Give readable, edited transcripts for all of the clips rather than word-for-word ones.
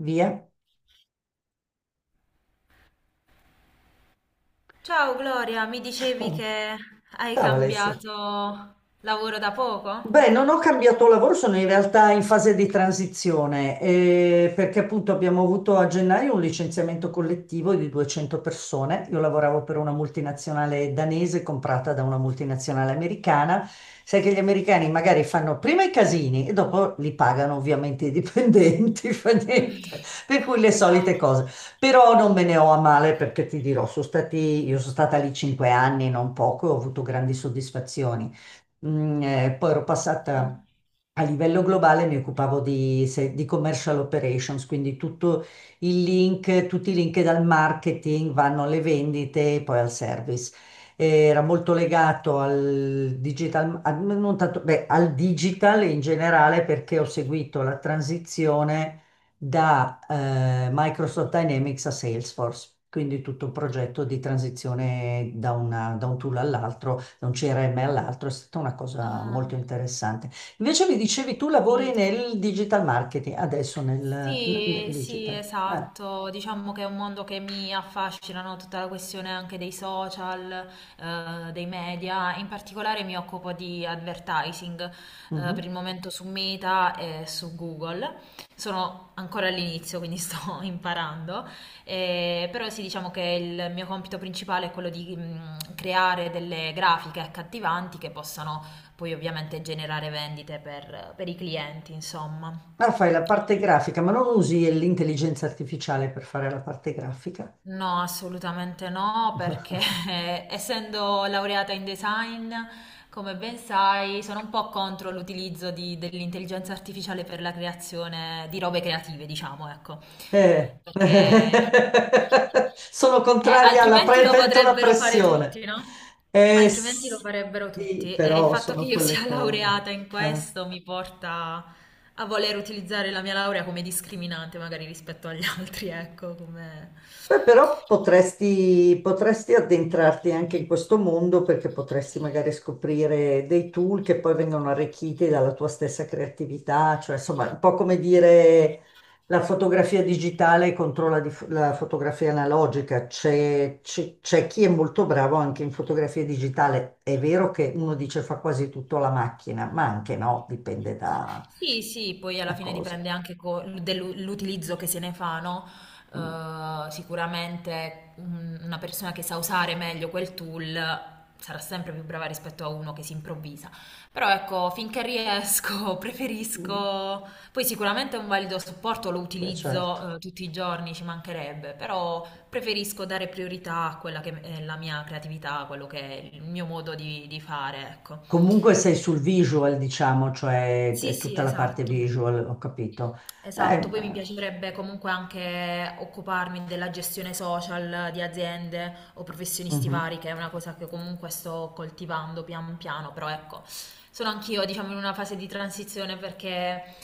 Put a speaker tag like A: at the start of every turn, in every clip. A: Via.
B: Ciao Gloria, mi dicevi
A: Ciao,
B: che hai
A: ciao Alessia.
B: cambiato lavoro da poco?
A: Beh, non ho cambiato lavoro, sono in realtà in fase di transizione, perché appunto abbiamo avuto a gennaio un licenziamento collettivo di 200 persone. Io lavoravo per una multinazionale danese comprata da una multinazionale americana. Sai che gli americani magari fanno prima i casini e dopo li pagano ovviamente i dipendenti, fa niente. Per cui le solite
B: Ciao.
A: cose. Però non me ne ho a male perché ti dirò, sono stati, io sono stata lì cinque anni, non poco, e ho avuto grandi soddisfazioni. Poi ero passata a livello globale, mi occupavo di, di commercial operations, quindi tutto il link, tutti i link dal marketing vanno alle vendite e poi al service. Era molto legato al digital, a- non tanto- beh, al digital in generale perché ho seguito la transizione da Microsoft Dynamics a Salesforce, quindi tutto un progetto di transizione da un tool all'altro, da un CRM all'altro, è stata una cosa
B: Ah,
A: molto interessante. Invece mi dicevi
B: ho
A: tu lavori
B: capito.
A: nel digital marketing, adesso nel
B: Sì, sì,
A: digital. Ah,
B: esatto. Diciamo che è un mondo che mi affascina, no? Tutta la questione anche dei social, dei media. In particolare mi occupo di advertising,
A: mhm.
B: per il momento su Meta e su Google. Sono ancora all'inizio, quindi sto imparando. Però sì, diciamo che il mio compito principale è quello di creare delle grafiche accattivanti che possano poi ovviamente generare vendite per i clienti, insomma.
A: Ah, fai la parte grafica, ma non usi l'intelligenza artificiale per fare la parte grafica?
B: No, assolutamente no, perché essendo laureata in design, come ben sai, sono un po' contro l'utilizzo dell'intelligenza artificiale per la creazione di robe creative, diciamo, ecco.
A: Eh.
B: Perché
A: Sono contraria alla
B: altrimenti lo
A: pentola a
B: potrebbero fare tutti,
A: pressione.
B: no? Altrimenti lo farebbero
A: Sì,
B: tutti. E il
A: però
B: fatto che
A: sono
B: io
A: quelle
B: sia
A: cose.
B: laureata in
A: Eh.
B: questo mi porta a voler utilizzare la mia laurea come discriminante, magari rispetto agli altri, ecco, come...
A: Beh, però potresti, potresti addentrarti anche in questo mondo perché potresti magari scoprire dei tool che poi vengono arricchiti dalla tua stessa creatività, cioè insomma, un po' come dire la fotografia digitale contro la fotografia analogica. C'è chi è molto bravo anche in fotografia digitale. È vero che uno dice fa quasi tutto la macchina, ma anche no,
B: Sì, sì, poi alla
A: da
B: fine
A: cose.
B: dipende anche dell'utilizzo che se ne fa, no?
A: Mm,
B: Sicuramente una persona che sa usare meglio quel tool sarà sempre più brava rispetto a uno che si improvvisa. Però ecco, finché riesco,
A: mm,
B: preferisco... Poi sicuramente è un valido supporto, lo
A: beh, certo.
B: utilizzo, tutti i giorni, ci mancherebbe, però preferisco dare priorità a quella che è la mia creatività, a quello che è il mio modo di fare, ecco.
A: Comunque sei sul visual, diciamo, cioè
B: Sì,
A: è
B: sì,
A: tutta la parte
B: esatto.
A: visual, ho capito.
B: Esatto,
A: Eh,
B: poi mi piacerebbe comunque anche occuparmi della gestione social di aziende o professionisti
A: mhm.
B: vari, che è una cosa che comunque sto coltivando pian piano, però ecco, sono anch'io, diciamo, in una fase di transizione perché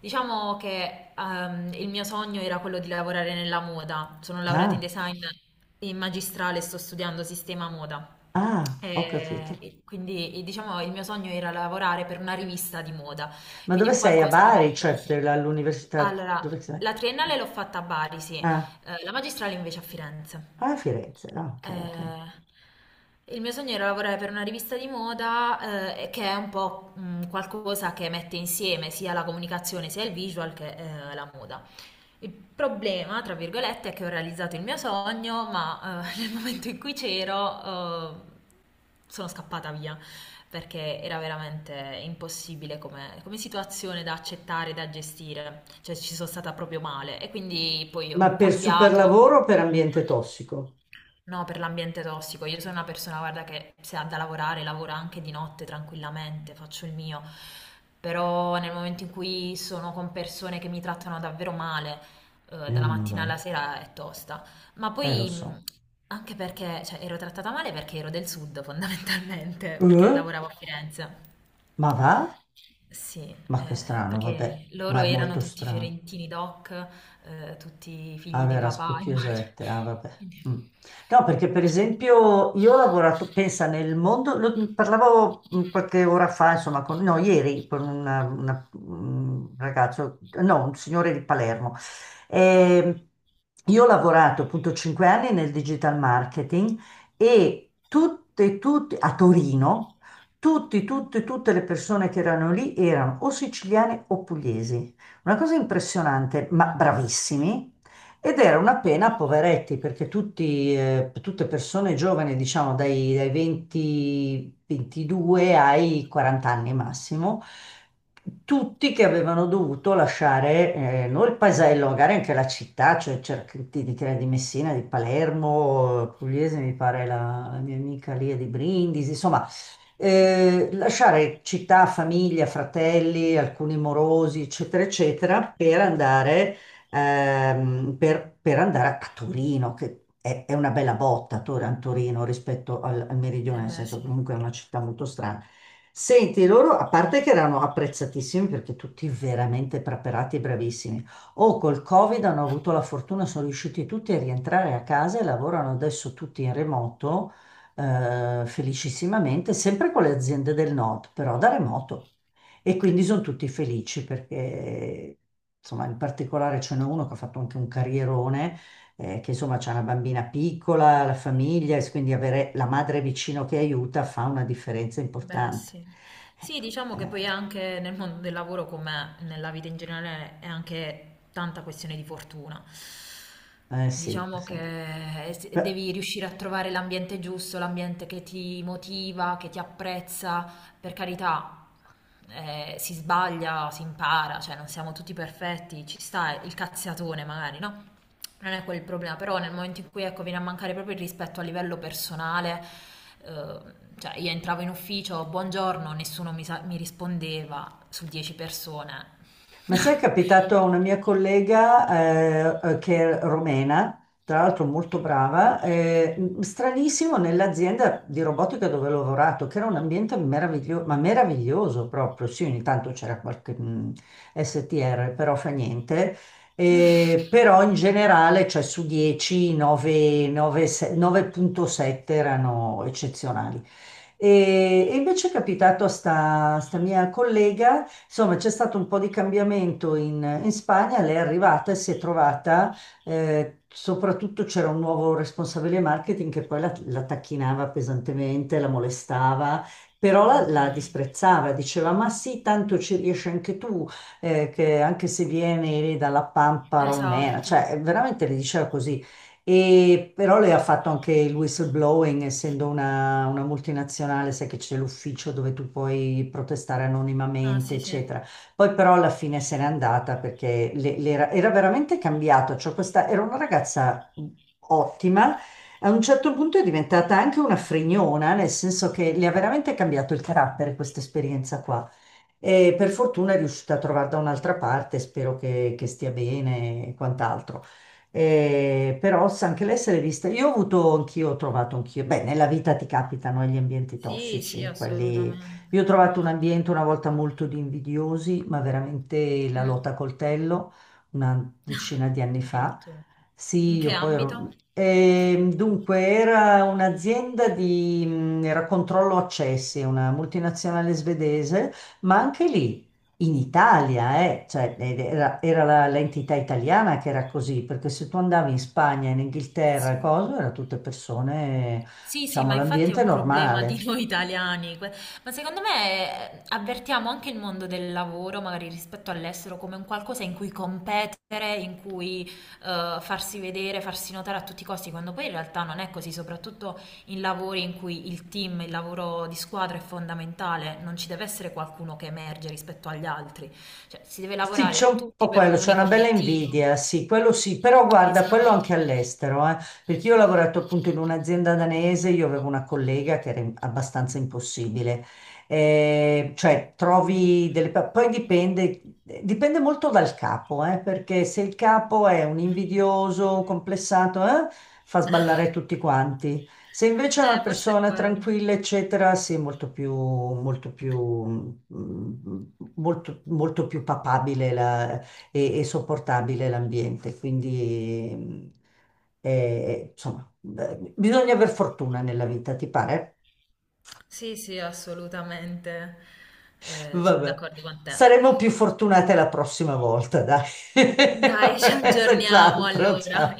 B: diciamo che il mio sogno era quello di lavorare nella moda. Sono laureata in
A: Ah,
B: design in magistrale, e sto studiando sistema moda.
A: ho
B: E-
A: capito.
B: e quindi, diciamo, il mio sogno era lavorare per una rivista di moda,
A: Ma
B: quindi
A: dove
B: un
A: sei? A
B: qualcosa che
A: Bari,
B: mette...
A: cioè all'università?
B: Allora,
A: Dove sei?
B: la triennale l'ho fatta a Bari, sì.
A: Ah,
B: La magistrale invece a Firenze.
A: a Firenze. Ah, ok, ok.
B: Il mio sogno era lavorare per una rivista di moda, che è un po' qualcosa che mette insieme sia la comunicazione, sia il visual che la moda. Il problema, tra virgolette, è che ho realizzato il mio sogno, ma nel momento in cui c'ero, sono scappata via perché era veramente impossibile come situazione da accettare, da gestire, cioè ci sono stata proprio male e quindi poi
A: Ma
B: ho
A: per super
B: cambiato.
A: lavoro o per ambiente tossico?
B: No, per l'ambiente tossico. Io sono una persona, guarda, che se ha da lavorare, lavora anche di notte tranquillamente, faccio il mio. Però nel momento in cui sono con persone che mi trattano davvero male, dalla mattina
A: Madonna.
B: alla sera è tosta. Ma
A: Lo
B: poi
A: so.
B: anche perché, cioè, ero trattata male perché ero del sud, fondamentalmente, perché
A: Eh?
B: lavoravo a Firenze.
A: Ma va?
B: Sì,
A: Ma che strano, vabbè,
B: perché
A: ma
B: loro
A: è
B: erano
A: molto
B: tutti
A: strano.
B: fiorentini doc, tutti
A: Ah,
B: figli
A: beh,
B: di
A: era un po'
B: papà, immagino.
A: chiusette, ah, vabbè.
B: Quindi,
A: Mm. No, perché per esempio io ho lavorato, pensa, nel mondo, parlavo qualche ora fa, insomma, con, no, ieri, con un ragazzo, no, un signore di Palermo. Ehm, io ho lavorato appunto cinque anni nel digital marketing e tutte, a Torino, tutti, tutte,
B: mm.
A: tutte le persone che erano lì erano o siciliane o pugliesi. Una cosa impressionante, ma bravissimi. Ed era una pena a poveretti, perché tutti, tutte persone giovani, diciamo dai 20, 22 ai 40 anni massimo, tutti che avevano dovuto lasciare, non il paesello, magari anche la città, cioè certi di Messina, di Palermo, Pugliese mi pare la mia amica lì è di Brindisi, insomma, lasciare città, famiglia, fratelli, alcuni morosi, eccetera, eccetera, per andare per andare a Torino, è una bella botta a Torino rispetto al meridione,
B: Eh
A: nel
B: beh,
A: senso
B: sì.
A: che comunque è una città molto strana. Senti, loro, a parte che erano apprezzatissimi perché tutti veramente preparati e bravissimi, o col Covid hanno avuto la fortuna, sono riusciti tutti a rientrare a casa e lavorano adesso tutti in remoto, felicissimamente, sempre con le aziende del nord, però da remoto. E quindi sono tutti felici perché, insomma, in particolare ce n'è uno che ha fatto anche un carrierone, che insomma c'ha una bambina piccola, la famiglia, e quindi avere la madre vicino che aiuta fa una differenza
B: Beh,
A: importante.
B: sì. Sì,
A: Ecco,
B: diciamo che poi
A: eh,
B: anche nel mondo del lavoro, come nella vita in generale, è anche tanta questione di fortuna.
A: eh sì,
B: Diciamo
A: sì.
B: che
A: Però,
B: devi riuscire a trovare l'ambiente giusto, l'ambiente che ti motiva, che ti apprezza. Per carità, si sbaglia, si impara, cioè non siamo tutti perfetti, ci sta il cazziatone magari, no? Non è quel il problema, però nel momento in cui ecco, viene a mancare proprio il rispetto a livello personale, eh, cioè io entravo in ufficio, buongiorno, nessuno mi rispondeva su 10 persone.
A: ma sai, è capitato a una mia collega che è romena, tra l'altro molto brava, stranissimo nell'azienda di robotica dove ho lavorato, che era un ambiente meraviglioso, ma meraviglioso proprio. Sì, ogni tanto c'era qualche STR, però fa niente. Però in generale, cioè su 10, 9, 9, se- 9.7 erano eccezionali. E invece è capitato a sta mia collega. Insomma, c'è stato un po' di cambiamento in Spagna, lei è arrivata e si è trovata, soprattutto c'era un nuovo responsabile marketing che poi la tacchinava pesantemente, la molestava, però la
B: Oddio.
A: disprezzava, diceva, ma sì, tanto ci riesci anche tu, che anche se vieni dalla Pampa romena,
B: Esatto.
A: cioè veramente le diceva così. E però lei ha fatto anche il whistleblowing, essendo una multinazionale, sai che c'è l'ufficio dove tu puoi protestare
B: Ah,
A: anonimamente,
B: sì, sì.
A: eccetera. Poi però alla fine se n'è andata perché era veramente cambiata, cioè questa era una ragazza ottima, a un certo punto è diventata anche una frignona, nel senso che le ha veramente cambiato il carattere questa esperienza qua. E per fortuna è riuscita a trovare da un'altra parte, spero che stia bene e quant'altro. Però anche lei se l'è vista. Io ho avuto anch'io, ho trovato anch'io. Beh, nella vita ti capitano gli ambienti
B: Sì, sì,
A: tossici, quelli.
B: assolutamente.
A: Io ho trovato un ambiente una volta molto di invidiosi, ma veramente la
B: Mm.
A: lotta a coltello, una decina di anni fa.
B: Addirittura. In
A: Sì,
B: che
A: io poi
B: ambito?
A: ero. Dunque, era un'azienda di, era controllo accessi, una multinazionale svedese, ma anche lì in Italia, cioè, era l'entità italiana che era così, perché se tu andavi in Spagna, in Inghilterra e
B: Sì.
A: cose, erano tutte persone,
B: Sì, sì,
A: diciamo,
B: ma infatti è
A: l'ambiente
B: un problema di
A: normale.
B: noi italiani. Que- Ma secondo me avvertiamo anche il mondo del lavoro, magari rispetto all'estero, come un qualcosa in cui competere, in cui farsi vedere, farsi notare a tutti i costi, quando poi in realtà non è così, soprattutto in lavori in cui il team, il lavoro di squadra è fondamentale, non ci deve essere qualcuno che emerge rispetto agli altri, cioè si deve
A: Sì, c'è
B: lavorare
A: un
B: tutti
A: po'
B: per
A: quello,
B: un
A: c'è
B: unico
A: una bella
B: obiettivo.
A: invidia, sì, quello sì, però guarda,
B: Esatto.
A: quello anche all'estero, perché io ho lavorato appunto in un'azienda danese, io avevo una collega che era abbastanza impossibile, cioè trovi delle... poi dipende, dipende molto dal capo, perché se il capo è un invidioso, un complessato, fa sballare tutti quanti, se invece è una
B: Forse è
A: persona
B: quello.
A: tranquilla, eccetera, sì, molto più, mm, molto più papabile e sopportabile l'ambiente. Quindi, insomma, beh, bisogna aver fortuna nella vita, ti pare?
B: Sì, sì, assolutamente. Sono
A: Vabbè,
B: d'accordo con te.
A: saremo più fortunate la prossima volta, dai.
B: Dai, ci aggiorniamo
A: Senz'altro,
B: allora.
A: ciao.